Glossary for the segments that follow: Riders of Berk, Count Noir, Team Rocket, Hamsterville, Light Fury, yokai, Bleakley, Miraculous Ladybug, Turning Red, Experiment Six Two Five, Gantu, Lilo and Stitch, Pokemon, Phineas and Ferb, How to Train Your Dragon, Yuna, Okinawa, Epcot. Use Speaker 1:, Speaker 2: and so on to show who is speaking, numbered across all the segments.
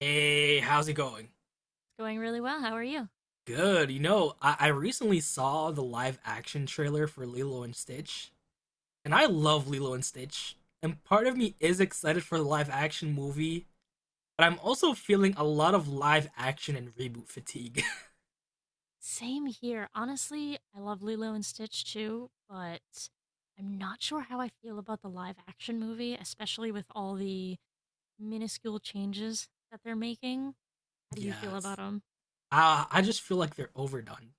Speaker 1: Hey, how's it going?
Speaker 2: Going really well. How are you?
Speaker 1: Good. You know, I recently saw the live action trailer for Lilo and Stitch, and I love Lilo and Stitch. And part of me is excited for the live action movie, but I'm also feeling a lot of live action and reboot fatigue.
Speaker 2: Same here. Honestly, I love Lilo and Stitch too, but I'm not sure how I feel about the live action movie, especially with all the minuscule changes that they're making. How do you feel
Speaker 1: Yes.
Speaker 2: about them?
Speaker 1: I just feel like they're overdone.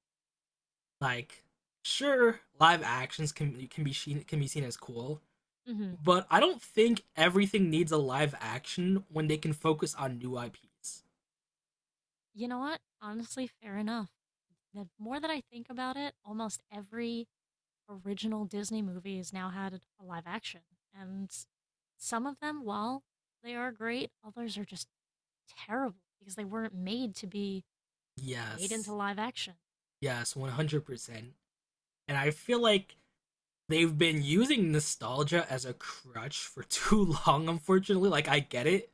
Speaker 1: Like, sure, live actions can be seen as cool,
Speaker 2: Hmm.
Speaker 1: but I don't think everything needs a live action when they can focus on new IPs.
Speaker 2: You know what? Honestly, fair enough. The more that I think about it, almost every original Disney movie has now had a live action. And some of them, while they are great, others are just terrible because they weren't made to be made
Speaker 1: Yes.
Speaker 2: into live action.
Speaker 1: Yes, 100%. And I feel like they've been using nostalgia as a crutch for too long, unfortunately. Like, I get it.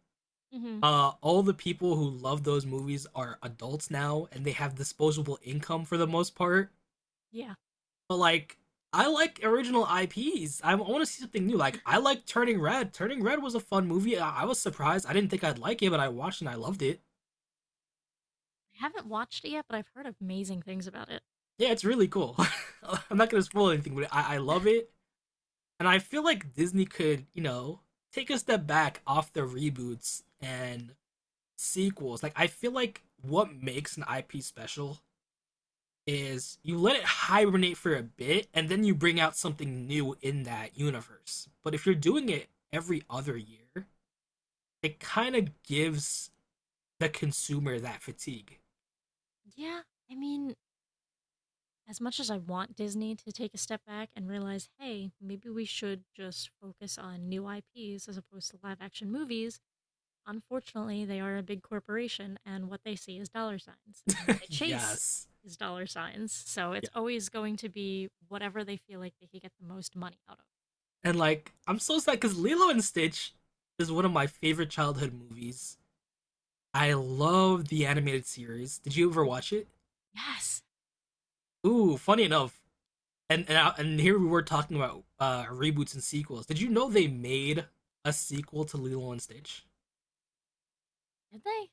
Speaker 2: Mm-hmm.
Speaker 1: All the people who love those movies are adults now and they have disposable income for the most part.
Speaker 2: Yeah.
Speaker 1: But, like, I like original IPs. I want to see something new. Like, I like Turning Red. Turning Red was a fun movie. I was surprised. I didn't think I'd like it, but I watched and I loved it.
Speaker 2: I haven't watched it yet, but I've heard amazing things about it.
Speaker 1: Yeah, it's really cool. I'm not going to spoil anything, but I love it. And I feel like Disney could, take a step back off the reboots and sequels. Like I feel like what makes an IP special is you let it hibernate for a bit and then you bring out something new in that universe. But if you're doing it every other year, it kind of gives the consumer that fatigue.
Speaker 2: Yeah. I mean, as much as I want Disney to take a step back and realize, hey, maybe we should just focus on new IPs as opposed to live action movies, unfortunately, they are a big corporation and what they see is dollar signs and what they chase
Speaker 1: Yes.
Speaker 2: is dollar signs. So it's
Speaker 1: Yeah.
Speaker 2: always going to be whatever they feel like they can get the most money out of.
Speaker 1: And like I'm so sad cuz Lilo and Stitch is one of my favorite childhood movies. I love the animated series. Did you ever
Speaker 2: Mhm.
Speaker 1: watch it?
Speaker 2: Yes.
Speaker 1: Ooh, funny enough, and here we were talking about reboots and sequels. Did you know they made a sequel to Lilo and Stitch?
Speaker 2: Did they?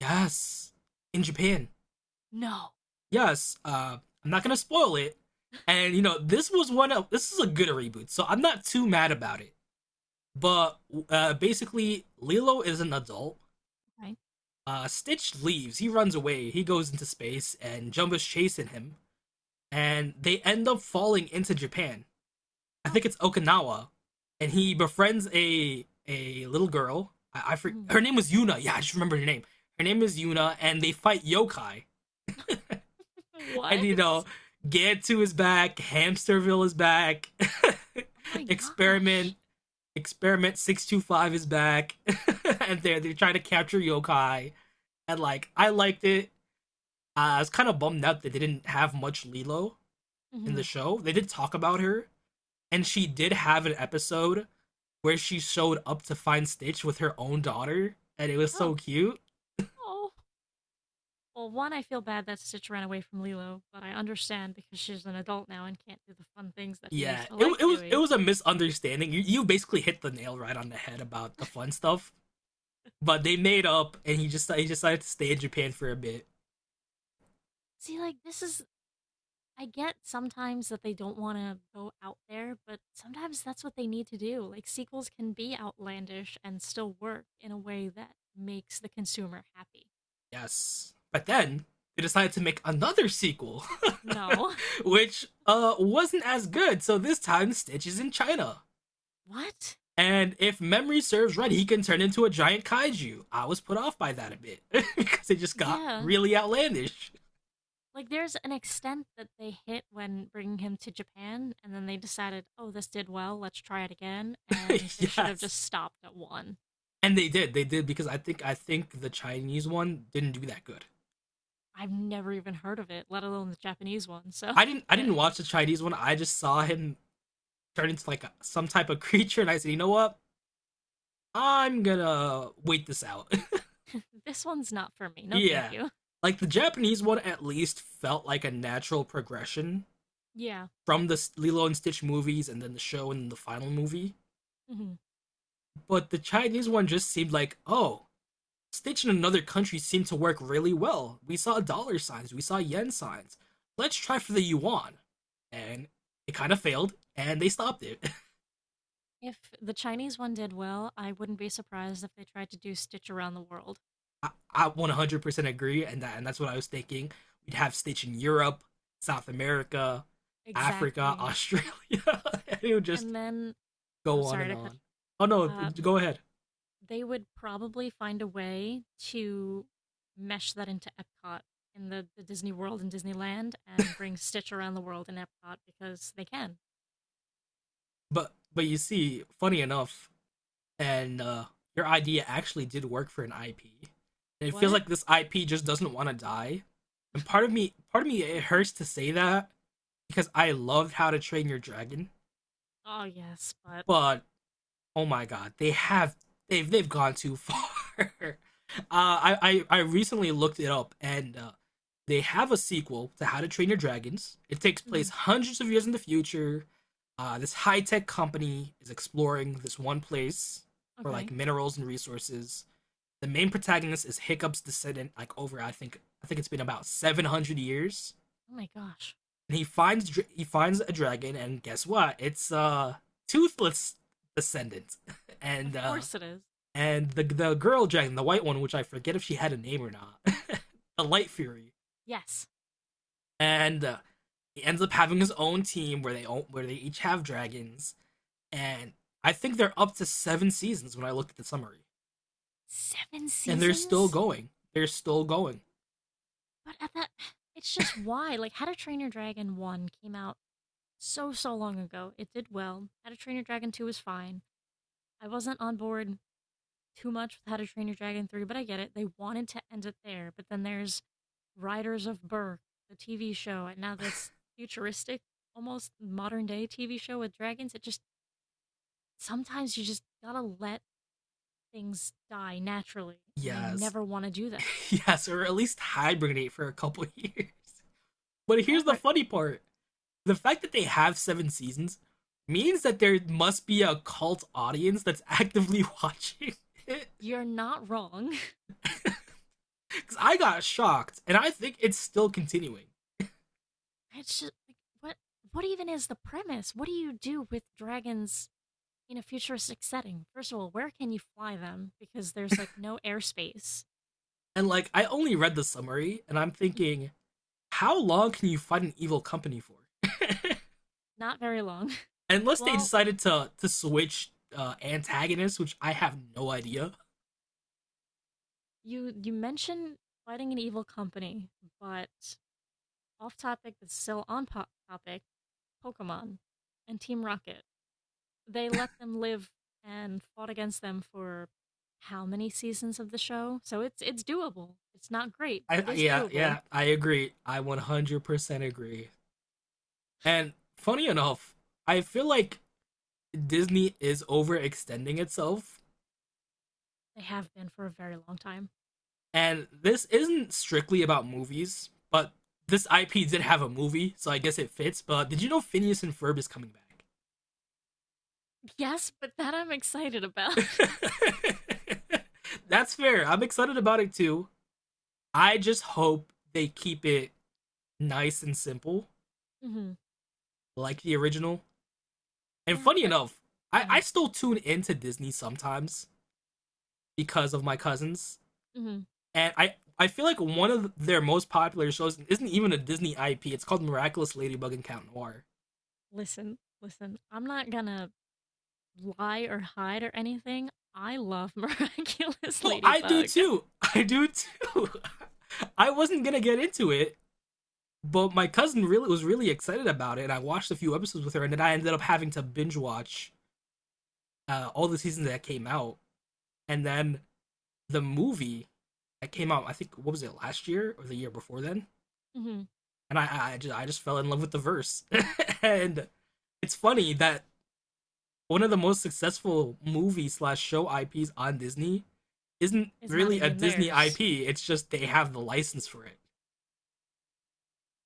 Speaker 1: Yes, in Japan.
Speaker 2: No.
Speaker 1: Yes. I'm not gonna spoil it. And you know, this was one of this is a good reboot, so I'm not too mad about it. But basically, Lilo is an adult.
Speaker 2: Okay.
Speaker 1: Stitch leaves. He runs away. He goes into space, and Jumba's chasing him, and they end up falling into Japan. I
Speaker 2: Oh.
Speaker 1: think it's Okinawa, and he befriends a little girl.
Speaker 2: Mhm.
Speaker 1: Her name was Yuna. Yeah, I just remember her name. Her name is Yuna, and they fight yokai.
Speaker 2: What?
Speaker 1: And you know, Gantu is back, Hamsterville is back,
Speaker 2: Oh my gosh.
Speaker 1: Experiment Experiment 625 is back, and they're trying to capture yokai. And like, I liked it. I was kind of bummed out they didn't have much Lilo in
Speaker 2: Hmm.
Speaker 1: the show. They did talk about her, and she did have an episode where she showed up to find Stitch with her own daughter, and it was so
Speaker 2: Oh,
Speaker 1: cute.
Speaker 2: oh. Well, one, I feel bad that Stitch ran away from Lilo, but I understand because she's an adult now and can't do the fun things that he
Speaker 1: Yeah,
Speaker 2: used to
Speaker 1: it it
Speaker 2: like
Speaker 1: was it
Speaker 2: doing.
Speaker 1: was a misunderstanding. You basically hit the nail right on the head about the fun stuff, but they made up, and he decided to stay in Japan for a bit.
Speaker 2: See, like, this is. I get sometimes that they don't want to go out there, but sometimes that's what they need to do. Like, sequels can be outlandish and still work in a way that makes the consumer happy.
Speaker 1: Yes. But then they decided to make another sequel,
Speaker 2: No.
Speaker 1: which wasn't as good. So this time, Stitch is in China.
Speaker 2: What?
Speaker 1: And if memory serves right, he can turn into a giant kaiju. I was put off by that a bit because it just got
Speaker 2: Yeah,
Speaker 1: really outlandish.
Speaker 2: like, there's an extent that they hit when bringing him to Japan, and then they decided, oh, this did well, let's try it again, and they should have
Speaker 1: Yes.
Speaker 2: just stopped at one.
Speaker 1: And they did. They did because I think the Chinese one didn't do that good.
Speaker 2: I've never even heard of it, let alone the Japanese one, so
Speaker 1: I
Speaker 2: yeah.
Speaker 1: didn't watch the Chinese one. I just saw him turn into like a, some type of creature and I said, "You know what? I'm going to wait this out."
Speaker 2: This one's not for me. No, thank
Speaker 1: Yeah.
Speaker 2: you.
Speaker 1: Like the Japanese one at least felt like a natural progression
Speaker 2: Yeah.
Speaker 1: from the Lilo and Stitch movies and then the show and the final movie.
Speaker 2: Hmm.
Speaker 1: But the Chinese one just seemed like, oh, Stitch in another country seemed to work really well. We saw dollar signs, we saw yen signs. Let's try for the yuan. And it kind of failed and they stopped it.
Speaker 2: If the Chinese one did well, I wouldn't be surprised if they tried to do Stitch Around the World.
Speaker 1: I, I 100% agree, and that's what I was thinking. We'd have Stitch in Europe, South America, Africa,
Speaker 2: Exactly.
Speaker 1: Australia. And it would just
Speaker 2: And then, I'm, oh,
Speaker 1: go on
Speaker 2: sorry
Speaker 1: and
Speaker 2: to cut.
Speaker 1: on. Oh no,
Speaker 2: Uh,
Speaker 1: go ahead.
Speaker 2: they would probably find a way to mesh that into Epcot in the Disney World and Disneyland and bring Stitch around the world in Epcot because they can.
Speaker 1: But you see, funny enough, and your idea actually did work for an IP. And it feels
Speaker 2: What?
Speaker 1: like this IP just doesn't want to die. And part of me, it hurts to say that because I loved How to Train Your Dragon,
Speaker 2: Oh, yes, but.
Speaker 1: but oh my god, they've gone too far. uh, I recently looked it up, and they have a sequel to How to Train Your Dragons. It takes place
Speaker 2: Mhm.
Speaker 1: hundreds of years in the future. This high tech company is exploring this one place for like
Speaker 2: Okay.
Speaker 1: minerals and resources. The main protagonist is Hiccup's descendant, like over I think it's been about 700 years,
Speaker 2: Oh my gosh.
Speaker 1: and he finds a dragon, and guess what? It's a toothless descendant, and
Speaker 2: Of
Speaker 1: uh
Speaker 2: course it is.
Speaker 1: and the girl dragon, the white one, which I forget if she had a name or not, the Light Fury,
Speaker 2: Yes.
Speaker 1: and he ends up having his own team where they each have dragons, and I think they're up to seven seasons when I looked at the summary,
Speaker 2: Seven
Speaker 1: and they're still
Speaker 2: seasons?
Speaker 1: going. They're still going.
Speaker 2: But at that. It's just why. Like, How to Train Your Dragon 1 came out so, so long ago. It did well. How to Train Your Dragon 2 was fine. I wasn't on board too much with How to Train Your Dragon 3, but I get it. They wanted to end it there, but then there's Riders of Berk, the TV show, and now this futuristic, almost modern day TV show with dragons. It just sometimes you just gotta let things die naturally, and they
Speaker 1: Yes,
Speaker 2: never want to do that.
Speaker 1: yes, or at least hibernate for a couple years. But here's the
Speaker 2: Hybrid,
Speaker 1: funny part: the fact that they have seven seasons means that there must be a cult audience that's actively watching it.
Speaker 2: you're not wrong.
Speaker 1: Because I got shocked, and I think it's still continuing.
Speaker 2: It's just like, what even is the premise? What do you do with dragons in a futuristic setting? First of all, where can you fly them? Because there's like no airspace.
Speaker 1: And like, I only read the summary, and I'm thinking, how long can you fight an evil company for?
Speaker 2: Not very long.
Speaker 1: Unless they
Speaker 2: Well,
Speaker 1: decided to switch antagonists, which I have no idea.
Speaker 2: you mentioned fighting an evil company, but off topic but still on topic, Pokemon and Team Rocket. They let them live and fought against them for how many seasons of the show? So it's doable. It's not great, but it
Speaker 1: I
Speaker 2: is
Speaker 1: yeah
Speaker 2: doable.
Speaker 1: yeah I agree. I 100% agree. And funny enough, I feel like Disney is overextending itself.
Speaker 2: They have been for a very long time.
Speaker 1: And this isn't strictly about movies, but this IP did have a movie, so I guess it fits. But did you know Phineas and Ferb is coming back?
Speaker 2: Yes, but that I'm excited about.
Speaker 1: That's fair. I'm excited about it too. I just hope they keep it nice and simple,
Speaker 2: Hmm.
Speaker 1: like the original. And
Speaker 2: Yeah,
Speaker 1: funny
Speaker 2: but
Speaker 1: enough,
Speaker 2: go
Speaker 1: I
Speaker 2: ahead.
Speaker 1: still tune into Disney sometimes because of my cousins.
Speaker 2: Hmm.
Speaker 1: And I feel like one of their most popular shows isn't even a Disney IP. It's called Miraculous Ladybug and Count Noir.
Speaker 2: Listen, listen. I'm not gonna lie or hide or anything. I love Miraculous
Speaker 1: No, I do
Speaker 2: Ladybug.
Speaker 1: too. I do too. I wasn't gonna get into it, but my cousin really excited about it, and I watched a few episodes with her, and then I ended up having to binge watch all the seasons that came out, and then the movie that came out. I think what was it, last year or the year before then?
Speaker 2: Mhm.
Speaker 1: And I just fell in love with the verse, and it's funny that one of the most successful movie slash show IPs on Disney isn't
Speaker 2: It's not
Speaker 1: really a
Speaker 2: even
Speaker 1: Disney
Speaker 2: theirs.
Speaker 1: IP. It's just they have the license for it.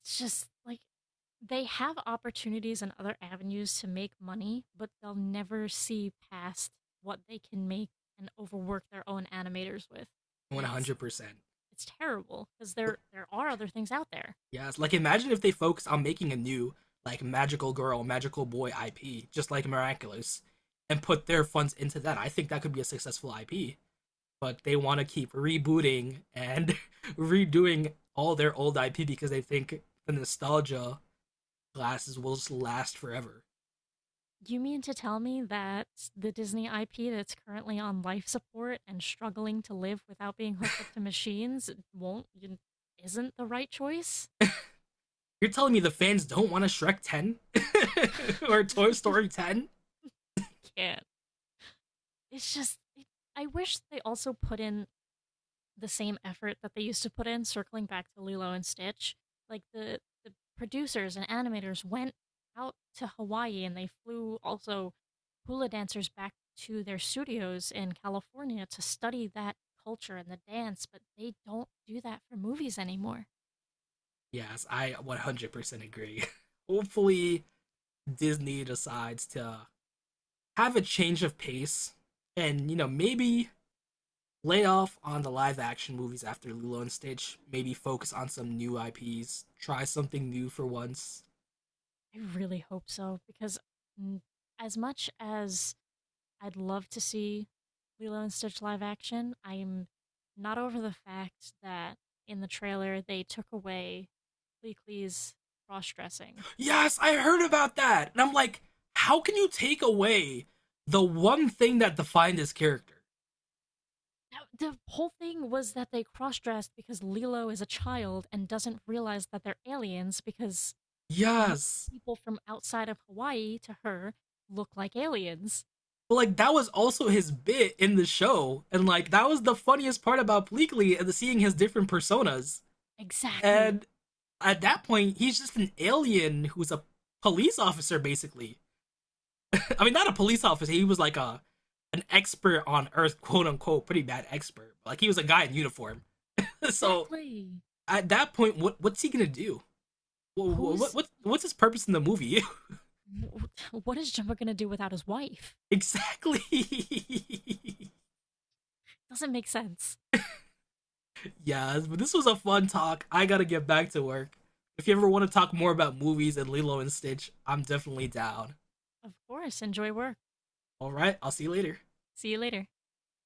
Speaker 2: It's just like they have opportunities and other avenues to make money, but they'll never see past what they can make and overwork their own animators with.
Speaker 1: One
Speaker 2: And it's
Speaker 1: hundred percent.
Speaker 2: it's terrible because there are other things out there.
Speaker 1: Yes. Like imagine if they focused on making a new like magical girl, magical boy IP, just like Miraculous, and put their funds into that. I think that could be a successful IP. But they want to keep rebooting and redoing all their old IP because they think the nostalgia glasses will just last forever.
Speaker 2: You mean to tell me that the Disney IP that's currently on life support and struggling to live without being hooked up to machines won't isn't the right choice?
Speaker 1: You're telling me the fans don't want a Shrek 10 or
Speaker 2: I
Speaker 1: Toy Story 10?
Speaker 2: can't. It's just it, I wish they also put in the same effort that they used to put in circling back to Lilo and Stitch. Like the producers and animators went out to Hawaii and they flew also hula dancers back to their studios in California to study that culture and the dance, but they don't do that for movies anymore.
Speaker 1: Yes, I 100% agree. Hopefully, Disney decides to have a change of pace and you know maybe lay off on the live action movies after Lilo and Stitch, maybe focus on some new IPs, try something new for once.
Speaker 2: I really hope so because mm, as much as I'd love to see Lilo and Stitch live action. I'm not over the fact that in the trailer they took away Bleakley's cross dressing.
Speaker 1: Yes, I heard about that. And I'm like, how can you take away the one thing that defined his character?
Speaker 2: The whole thing was that they cross dressed because Lilo is a child and doesn't realize that they're aliens because most
Speaker 1: Yes.
Speaker 2: people from outside of Hawaii to her look like aliens.
Speaker 1: But like that was also his bit in the show. And like that was the funniest part about Bleakley and the seeing his different personas.
Speaker 2: Exactly.
Speaker 1: And at that point, he's just an alien who's a police officer basically. I mean, not a police officer. He was like a an expert on Earth, quote unquote, pretty bad expert. Like he was a guy in uniform. So
Speaker 2: Exactly.
Speaker 1: at that point, what's he gonna do? What, what,
Speaker 2: Who's.
Speaker 1: what what's his purpose in the movie?
Speaker 2: What is Jumbo going to do without his wife?
Speaker 1: Exactly.
Speaker 2: Doesn't make sense.
Speaker 1: Yeah, but this was a fun talk. I gotta get back to work. If you ever want to talk more about movies and Lilo and Stitch, I'm definitely down.
Speaker 2: Of course, enjoy work.
Speaker 1: All right, I'll see you later.
Speaker 2: See you later.